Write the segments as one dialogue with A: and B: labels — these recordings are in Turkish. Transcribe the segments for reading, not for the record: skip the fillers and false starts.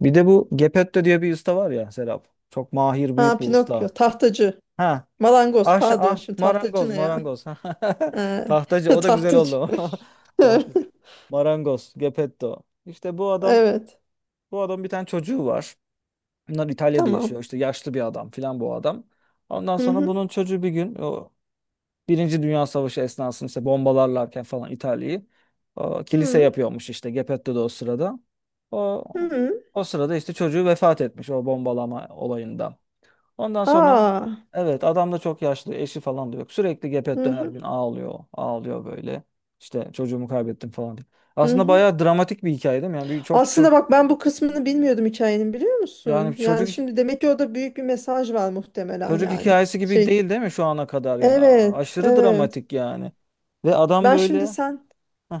A: Bir de bu Gepetto diye bir usta var ya Serap. Çok mahir
B: Ha
A: büyük bir
B: Pinokyo,
A: usta.
B: tahtacı.
A: Ha.
B: Malangoz
A: Aş
B: pardon
A: ah
B: şimdi tahtacı
A: marangoz
B: ne ya?
A: marangoz. Tahtacı o da güzel
B: Tahtacı.
A: oldu. Tahtacı. Marangoz Gepetto. İşte bu adam
B: Evet.
A: bu adam bir tane çocuğu var. Bunlar İtalya'da
B: Tamam.
A: yaşıyor. İşte yaşlı bir adam filan bu adam. Ondan
B: Hı
A: sonra
B: hı.
A: bunun çocuğu bir gün o Birinci Dünya Savaşı esnasında işte bombalarlarken falan İtalya'yı o, kilise
B: Hı
A: yapıyormuş işte Geppetto da o sırada. O,
B: hı.
A: O sırada işte çocuğu vefat etmiş o bombalama olayından. Ondan sonra
B: Aa.
A: evet adam da çok yaşlı eşi falan da yok. Sürekli
B: Hı
A: Geppetto her
B: hı.
A: gün ağlıyor ağlıyor böyle. İşte çocuğumu kaybettim falan diye.
B: Hı
A: Aslında
B: hı.
A: bayağı dramatik bir hikaye değil mi? Yani bir çok çok
B: Aslında bak ben bu kısmını bilmiyordum hikayenin biliyor
A: yani
B: musun?
A: çocuk
B: Yani şimdi demek ki orada büyük bir mesaj var muhtemelen
A: çocuk
B: yani.
A: hikayesi gibi
B: Şey
A: değil mi şu ana kadar yani A-
B: evet,
A: aşırı
B: evet.
A: dramatik yani. Ve adam
B: Ben şimdi
A: böyle
B: sen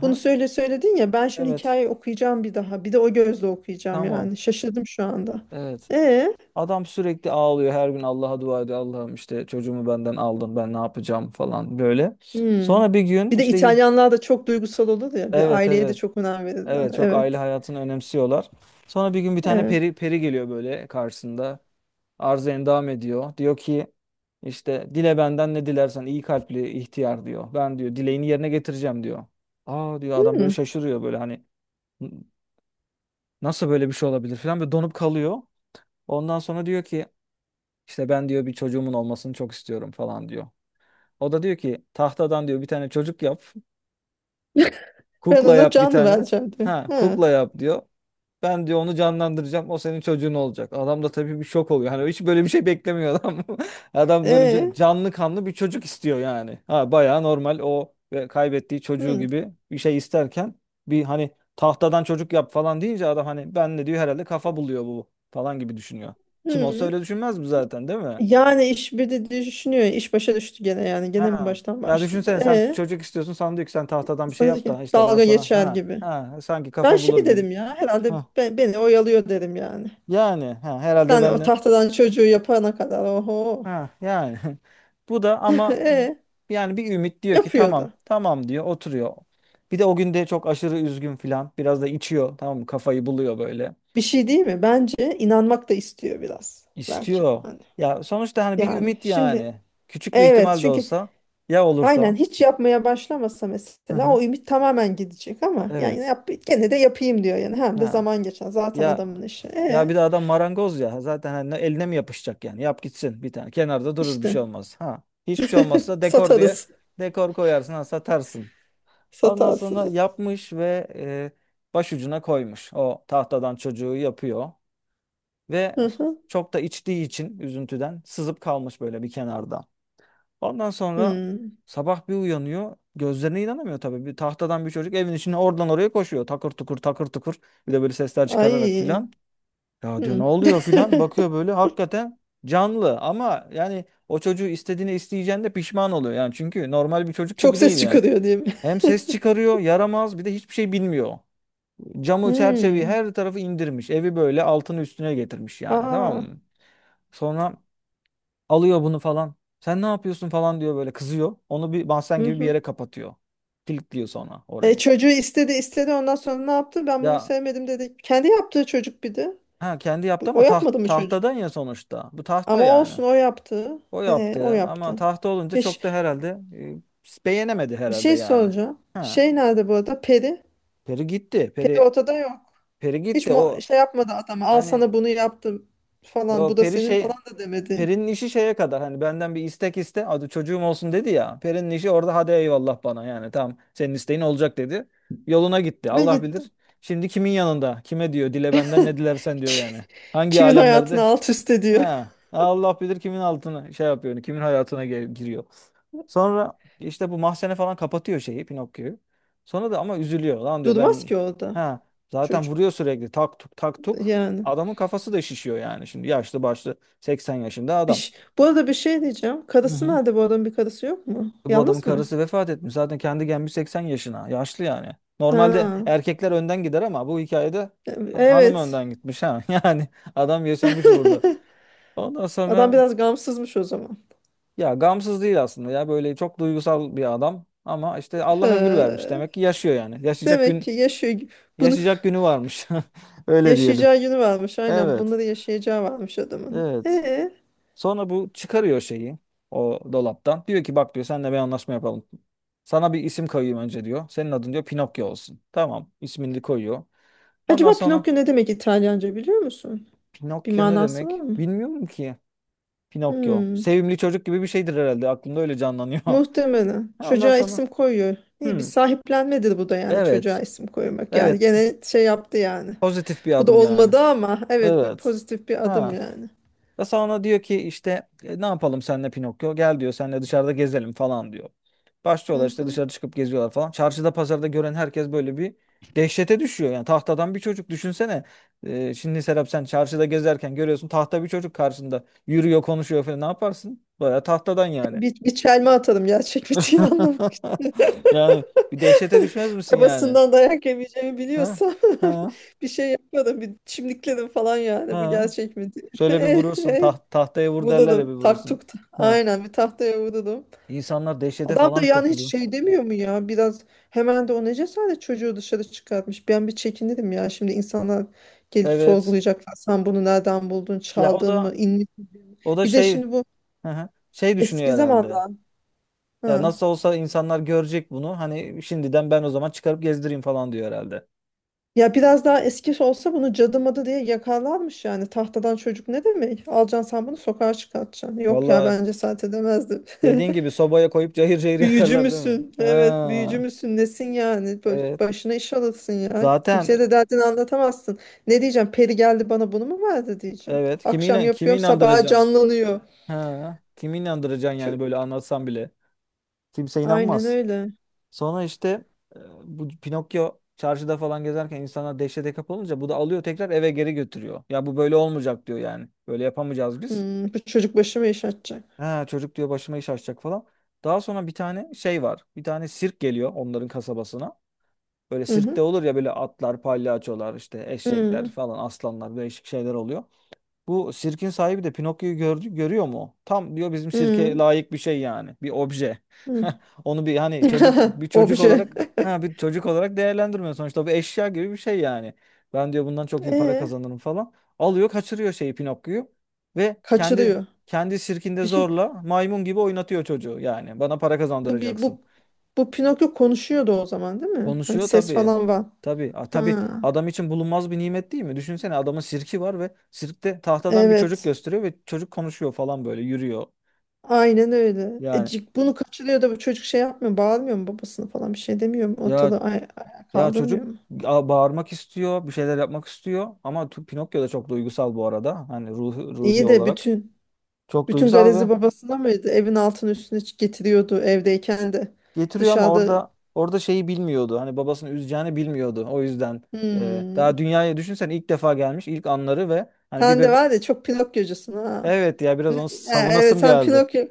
B: bunu söyledin ya ben şimdi
A: evet.
B: hikayeyi okuyacağım bir daha. Bir de o gözle okuyacağım
A: Tamam.
B: yani. Şaşırdım şu anda.
A: Evet.
B: E
A: Adam sürekli ağlıyor her gün Allah'a dua ediyor. Allah'ım işte çocuğumu benden aldın ben ne yapacağım falan böyle.
B: Hmm.
A: Sonra bir gün
B: Bir de
A: işte
B: İtalyanlar da çok duygusal olur ya. Bir
A: evet
B: aileye de
A: evet
B: çok önem verirler.
A: evet çok aile
B: Evet.
A: hayatını önemsiyorlar. Sonra bir gün bir tane
B: Evet.
A: peri geliyor böyle karşısında. Arz endam ediyor. Diyor ki işte dile benden ne dilersen iyi kalpli ihtiyar diyor. Ben diyor dileğini yerine getireceğim diyor. Aa diyor adam böyle
B: Hmm.
A: şaşırıyor böyle hani nasıl böyle bir şey olabilir falan böyle donup kalıyor. Ondan sonra diyor ki İşte ben diyor bir çocuğumun olmasını çok istiyorum falan diyor. O da diyor ki tahtadan diyor bir tane çocuk yap.
B: Ben
A: Kukla
B: ona
A: yap bir
B: can
A: tane.
B: vereceğim diyor.
A: Ha
B: Ha.
A: kukla yap diyor. Ben diyor onu canlandıracağım. O senin çocuğun olacak. Adam da tabii bir şok oluyor. Hani hiç böyle bir şey beklemiyor adam. Adam böyle
B: E.
A: ca- canlı kanlı bir çocuk istiyor yani. Ha bayağı normal o ve kaybettiği çocuğu
B: Hmm.
A: gibi bir şey isterken bir hani tahtadan çocuk yap falan deyince adam hani ben de diyor herhalde kafa buluyor bu falan gibi düşünüyor. Kim olsa
B: Hmm.
A: öyle düşünmez mi zaten değil mi?
B: Yani iş bir de düşünüyor. İş başa düştü gene yani. Gene mi
A: Ha.
B: baştan
A: Ya
B: başlayacak?
A: düşünsene sen
B: E.
A: çocuk istiyorsun sana diyor ki sen tahtadan bir şey yap
B: Sanki
A: da işte ben
B: dalga
A: sana
B: geçer
A: ha
B: gibi.
A: ha sanki
B: Ben
A: kafa
B: şey
A: bulur gibi.
B: dedim ya. Herhalde
A: Ha.
B: beni oyalıyor dedim yani.
A: Yani ha herhalde
B: Sen
A: ben
B: o
A: de
B: tahtadan çocuğu yapana kadar. Oho.
A: ha yani. Bu da ama
B: E.
A: yani bir ümit diyor ki tamam
B: Yapıyordu.
A: tamam diyor oturuyor. Bir de o gün de çok aşırı üzgün filan biraz da içiyor tamam mı kafayı buluyor böyle.
B: Bir şey değil mi? Bence inanmak da istiyor biraz. Belki.
A: İstiyor.
B: Hani.
A: Ya sonuçta hani bir
B: Yani
A: ümit
B: şimdi
A: yani. Küçük bir
B: evet
A: ihtimal de
B: çünkü
A: olsa ya
B: aynen
A: olursa.
B: hiç yapmaya başlamasa
A: Hı
B: mesela
A: hı.
B: o ümit tamamen gidecek ama yani
A: Evet.
B: yap, gene de yapayım diyor yani hem de
A: Ha.
B: zaman geçer zaten
A: Ya
B: adamın işi.
A: ya
B: E
A: bir de adam marangoz ya. Zaten hani eline mi yapışacak yani? Yap gitsin bir tane. Kenarda durur bir
B: işte
A: şey olmaz. Ha. Hiçbir şey olmazsa dekor diye
B: satarız
A: dekor koyarsın ha, satarsın. Ondan
B: satarsın.
A: sonra yapmış ve başucuna koymuş. O tahtadan çocuğu yapıyor ve
B: Hı hı.
A: çok da içtiği için üzüntüden sızıp kalmış böyle bir kenarda. Ondan sonra
B: Hmm.
A: sabah bir uyanıyor. Gözlerine inanamıyor tabii. Bir tahtadan bir çocuk evin içine oradan oraya koşuyor. Takır tukur takır tukur. Bir de böyle sesler çıkararak
B: Ay.
A: filan. Ya diyor
B: Hmm.
A: ne oluyor filan bakıyor böyle hakikaten canlı ama yani o çocuğu istediğini isteyeceğinde pişman oluyor yani çünkü normal bir çocuk
B: Çok
A: gibi
B: ses
A: değil yani.
B: çıkarıyor değil mi?
A: Hem ses çıkarıyor yaramaz bir de hiçbir şey bilmiyor. Camı çerçeveyi
B: Hmm.
A: her tarafı indirmiş evi böyle altını üstüne getirmiş yani tamam
B: Aa.
A: mı? Sonra alıyor bunu falan sen ne yapıyorsun falan diyor böyle kızıyor onu bir mahzen
B: Hı
A: gibi bir
B: hı.
A: yere kapatıyor. Kilitliyor sonra
B: E,
A: orayı.
B: çocuğu istedi istedi ondan sonra ne yaptı? Ben bunu
A: Ya
B: sevmedim dedi. Kendi yaptığı çocuk bir de.
A: ha, kendi yaptı
B: O
A: ama
B: yapmadı
A: taht
B: mı çocuğu?
A: tahtadan ya sonuçta bu tahta
B: Ama
A: yani.
B: olsun o yaptı.
A: O
B: O
A: yaptı ama
B: yaptı.
A: tahta olunca
B: Bir, ş-
A: çok da herhalde beğenemedi
B: bir
A: herhalde
B: şey
A: yani.
B: soracağım.
A: Ha.
B: Şey nerede bu arada? Peri.
A: Peri gitti. Peri
B: Peri ortada yok.
A: Peri
B: Hiç
A: gitti o
B: şey yapmadı adama. Al
A: hani
B: sana bunu yaptım falan. Bu
A: yok
B: da
A: Peri
B: senin
A: şey
B: falan da demedi.
A: Peri'nin işi şeye kadar hani benden bir istek iste adı çocuğum olsun dedi ya. Peri'nin işi orada hadi eyvallah bana yani tamam senin isteğin olacak dedi. Yoluna gitti
B: Ve
A: Allah
B: gitti.
A: bilir. Şimdi kimin yanında kime diyor dile benden ne dilersen diyor yani. Hangi
B: Kimin hayatını
A: alemlerde
B: alt üst ediyor.
A: He. Allah bilir kimin altına şey yapıyor, yani kimin hayatına gel- giriyor. Sonra işte bu mahzene falan kapatıyor şeyi Pinokyo'yu. Sonra da ama üzülüyor lan diyor
B: Durmaz
A: ben
B: ki orada
A: ha zaten
B: çocuk.
A: vuruyor sürekli tak tuk tak tuk.
B: Yani.
A: Adamın kafası da şişiyor yani şimdi yaşlı başlı 80 yaşında
B: Bir,
A: adam.
B: ş- bu arada bir şey diyeceğim.
A: Hı
B: Karısı
A: hı.
B: nerede bu adamın bir karısı yok mu?
A: Bu adamın
B: Yalnız mı?
A: karısı vefat etmiş zaten kendi gelmiş 80 yaşına yaşlı yani. Normalde
B: Ha.
A: erkekler önden gider ama bu hikayede hanım
B: Evet.
A: önden gitmiş ha yani adam yaşamış burada. Ondan
B: Adam
A: sonra
B: biraz gamsızmış o zaman.
A: ya gamsız değil aslında ya böyle çok duygusal bir adam ama işte Allah ömür vermiş
B: He.
A: demek ki yaşıyor yani. Yaşayacak
B: Demek
A: gün
B: ki yaşıyor gibi. Bunu.
A: yaşayacak günü varmış. Öyle diyelim.
B: Yaşayacağı günü varmış aynen.
A: Evet.
B: Bunları yaşayacağı varmış adamın.
A: Evet.
B: Ee,
A: Sonra bu çıkarıyor şeyi o dolaptan. Diyor ki bak diyor seninle bir anlaşma yapalım. Sana bir isim koyayım önce diyor. Senin adın diyor Pinokyo olsun. Tamam. ismini de koyuyor. Ondan
B: acaba
A: sonra
B: Pinokyo ne demek İtalyanca biliyor musun? Bir
A: Pinokyo ne
B: manası var
A: demek?
B: mı?
A: Bilmiyorum ki. Pinokyo.
B: Hmm,
A: Sevimli çocuk gibi bir şeydir herhalde. Aklımda öyle canlanıyor.
B: muhtemelen.
A: Ondan
B: Çocuğa
A: sonra.
B: isim koyuyor. İyi bir
A: Hmm,
B: sahiplenmedir bu da yani
A: evet.
B: çocuğa isim koymak. Yani
A: Evet
B: gene şey yaptı yani.
A: Pozitif bir
B: Bu da
A: adım yani.
B: olmadı ama evet bir
A: Evet.
B: pozitif bir adım
A: Ha.
B: yani.
A: Ve sonra diyor ki işte ne yapalım senle Pinokyo? Gel diyor senle dışarıda gezelim falan diyor.
B: Hı
A: Başlıyorlar işte
B: hı.
A: dışarı çıkıp geziyorlar falan. Çarşıda pazarda gören herkes böyle bir dehşete düşüyor. Yani tahtadan bir çocuk düşünsene. Şimdi Serap sen çarşıda gezerken görüyorsun tahta bir çocuk karşında yürüyor konuşuyor falan ne yaparsın? Baya tahtadan yani.
B: Bir çelme atalım gerçek bir anlamak için.
A: Yani bir dehşete düşmez misin yani?
B: Babasından dayak yemeyeceğimi
A: Ha?
B: biliyorsam
A: Ha?
B: bir şey yapmadım. Bir çimdikledim falan yani bu
A: Ha?
B: gerçek mi
A: Şöyle bir
B: diye.
A: vurursun. Tahtaya vur derler ya bir
B: Vurdum
A: vurursun.
B: taktuk.
A: Ha.
B: Aynen bir tahtaya vurdum.
A: İnsanlar dehşete
B: Adam
A: falan
B: da yani hiç
A: kapılıyor.
B: şey demiyor mu ya biraz hemen de o ne cesaret çocuğu dışarı çıkartmış. Ben bir çekindim ya şimdi insanlar gelip
A: Evet.
B: sorgulayacaklar. Sen bunu nereden buldun
A: Ya o
B: çaldın mı
A: da
B: inmiş mi?"
A: o da
B: Bir de
A: şey
B: şimdi bu
A: hı hı, şey
B: eski
A: düşünüyor herhalde.
B: zamanlar.
A: Ya
B: Ha.
A: nasıl olsa insanlar görecek bunu. Hani şimdiden ben o zaman çıkarıp gezdireyim falan diyor herhalde.
B: Ya biraz daha eski olsa bunu cadı madı diye yakalanmış yani. Tahtadan çocuk ne demek? Alacaksın sen bunu sokağa çıkartacaksın. Yok ya
A: Valla
B: bence saat edemezdim.
A: dediğin gibi sobaya koyup cayır cayır
B: Büyücü
A: yakarlar değil mi?
B: müsün? Evet büyücü
A: Ha.
B: müsün? Nesin yani?
A: Evet.
B: Başına iş alırsın ya. Kimseye
A: Zaten
B: de derdini anlatamazsın. Ne diyeceğim? Peri geldi bana bunu mu verdi diyeceğim.
A: evet. Kimi,
B: Akşam
A: inan kimi
B: yapıyorum sabaha
A: inandıracaksın?
B: canlanıyor.
A: Ha. Kimi inandıracaksın
B: Çö-
A: yani böyle anlatsan bile. Kimse
B: Aynen
A: inanmaz.
B: öyle.
A: Sonra işte bu Pinokyo çarşıda falan gezerken insanlar dehşete kapılınca bu da alıyor tekrar eve geri götürüyor. Ya bu böyle olmayacak diyor yani. Böyle yapamayacağız biz.
B: Hmm, bu çocuk başıma iş açacak.
A: Ha, çocuk diyor başıma iş açacak falan. Daha sonra bir tane şey var. Bir tane sirk geliyor onların kasabasına. Böyle
B: Hı
A: sirkte
B: hı.
A: olur ya böyle atlar, palyaçolar, işte eşekler
B: Hı
A: falan, aslanlar, değişik şeyler oluyor. Bu sirkin sahibi de Pinokyo'yu gördü, görüyor mu? Tam diyor bizim sirke
B: hı.
A: layık bir şey yani. Bir obje.
B: Hı.
A: Onu bir hani çocuk bir çocuk
B: Obje.
A: olarak ha bir çocuk olarak değerlendirmiyor sonuçta bu eşya gibi bir şey yani. Ben diyor bundan çok iyi para
B: Ee,
A: kazanırım falan. Alıyor kaçırıyor şeyi Pinokyo'yu ve kendi
B: kaçırıyor.
A: kendi sirkinde
B: Bir şey
A: zorla maymun gibi oynatıyor çocuğu yani. Bana para
B: bu bir
A: kazandıracaksın.
B: bu bu Pinokyo konuşuyordu o zaman değil mi? Hani
A: Konuşuyor
B: ses
A: tabii.
B: falan var.
A: Tabii. A,
B: Ha,
A: tabii adam için bulunmaz bir nimet değil mi? Düşünsene adamın sirki var ve sirkte tahtadan bir çocuk
B: evet.
A: gösteriyor ve çocuk konuşuyor falan böyle yürüyor.
B: Aynen öyle. E,
A: Yani
B: c- bunu kaçırıyor da bu çocuk şey yapmıyor, bağırmıyor mu babasını falan bir şey demiyor mu?
A: ya
B: Ortada ayağa
A: ya
B: kaldırmıyor
A: çocuk
B: mu?
A: a- bağırmak istiyor, bir şeyler yapmak istiyor ama tu- Pinokyo da çok duygusal bu arada. Hani ruhi
B: İyi de
A: olarak
B: bütün
A: çok
B: bütün
A: duygusal ve
B: garezi babasına mıydı? Evin altını üstüne getiriyordu evdeyken de.
A: getiriyor ama
B: Dışarıda
A: orada şeyi bilmiyordu. Hani babasını üzeceğini bilmiyordu. O yüzden
B: hmm.
A: daha dünyaya düşünsen ilk defa gelmiş, ilk anları ve hani bir
B: Sen de
A: beb-
B: var ya çok Pinokyocusun ha.
A: Evet ya biraz
B: Ne-
A: onu
B: Ha, evet
A: savunasım
B: sen
A: geldi.
B: Pinokyo.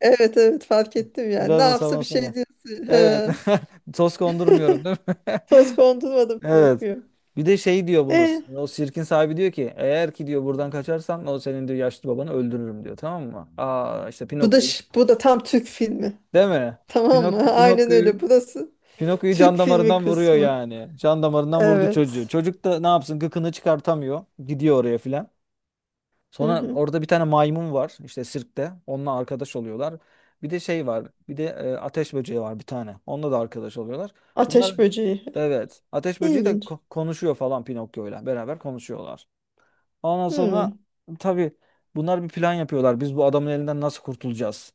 B: Evet evet fark ettim yani. Ne
A: Biraz da
B: yapsa bir
A: savunansın
B: şey
A: gel.
B: diyorsun.
A: Evet.
B: He.
A: Toz kondurmuyorum değil mi?
B: Toz kondurmadım
A: Evet.
B: Pinokyo.
A: Bir de şey diyor bunu.
B: E,
A: O sirkin sahibi diyor ki eğer ki diyor buradan kaçarsan o senin diyor yaşlı babanı öldürürüm diyor. Tamam mı? Aa işte
B: bu da
A: Pinokyo'yu.
B: ş- bu da tam Türk filmi.
A: Değil mi?
B: Tamam
A: Pinok
B: mı? Aynen
A: Pinokyo'yu
B: öyle. Burası
A: Pinokyo'yu
B: Türk
A: can
B: filmi
A: damarından vuruyor
B: kısmı.
A: yani. Can damarından vurdu çocuğu.
B: Evet.
A: Çocuk da ne yapsın gıkını çıkartamıyor. Gidiyor oraya filan.
B: Hı
A: Sonra
B: hı.
A: orada bir tane maymun var işte sirkte. Onunla arkadaş oluyorlar. Bir de şey var. Bir de ateş böceği var bir tane. Onunla da arkadaş oluyorlar. Bunlar
B: Ateş böceği.
A: evet. Ateş böceği de
B: İlginç.
A: konuşuyor falan Pinokyo'yla beraber konuşuyorlar. Ondan sonra
B: Hmm.
A: tabii bunlar bir plan yapıyorlar. Biz bu adamın elinden nasıl kurtulacağız?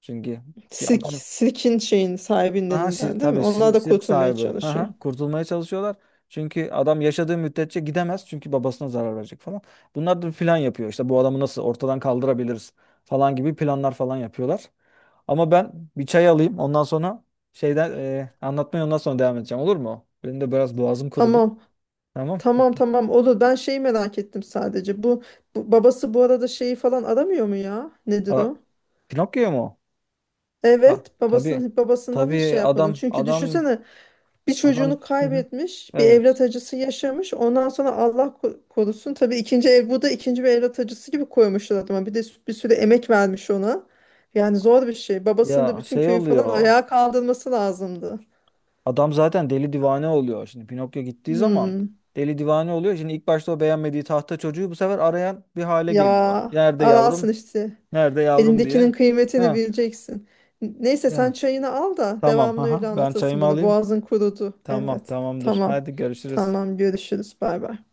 A: Çünkü ya
B: Sirk,
A: adam
B: sirkin şeyin sahibinin
A: Aha, si
B: elinden değil mi?
A: tabii
B: Onlar
A: si-
B: da
A: sirk
B: kurtulmaya
A: sahibi.
B: çalışıyor.
A: Aha, kurtulmaya çalışıyorlar. Çünkü adam yaşadığı müddetçe gidemez. Çünkü babasına zarar verecek falan. Bunlar da bir plan yapıyor. İşte bu adamı nasıl ortadan kaldırabiliriz falan gibi planlar falan yapıyorlar. Ama ben bir çay alayım. Ondan sonra şeyden anlatmaya ondan sonra devam edeceğim. Olur mu? Benim de biraz boğazım kurudu.
B: Tamam.
A: Tamam.
B: Tamam tamam olur. Ben şeyi merak ettim sadece. Bu babası bu arada şeyi falan aramıyor mu ya? Nedir
A: Aa,
B: o?
A: Pinokyo mu? O? Ah,
B: Evet,
A: tabii.
B: babasından hiç
A: Tabii
B: şey yapmadın.
A: adam
B: Çünkü
A: adam
B: düşünsene. Bir
A: adam.
B: çocuğunu
A: Hı hı.
B: kaybetmiş, bir
A: Evet.
B: evlat acısı yaşamış. Ondan sonra Allah korusun tabii ikinci ev bu da ikinci bir evlat acısı gibi koymuşlar adama. Bir de bir sürü emek vermiş ona. Yani zor bir şey. Babasının da
A: Ya
B: bütün
A: şey
B: köyü falan
A: oluyor.
B: ayağa kaldırması lazımdı.
A: Adam zaten deli divane oluyor. Şimdi Pinokyo gittiği zaman
B: Hmm.
A: deli divane oluyor. Şimdi ilk başta o beğenmediği tahta çocuğu bu sefer arayan bir hale
B: Ya
A: geliyor. Nerede yavrum?
B: aralsın işte.
A: Nerede yavrum diye.
B: Elindekinin kıymetini
A: Ha,
B: bileceksin. Neyse sen
A: ya.
B: çayını al da
A: Tamam.
B: devamını öyle
A: Aha, ben
B: anlatırsın
A: çayımı
B: bana.
A: alayım.
B: Boğazın kurudu.
A: Tamam,
B: Evet.
A: tamamdır.
B: Tamam.
A: Hadi görüşürüz.
B: Tamam görüşürüz. Bay bay.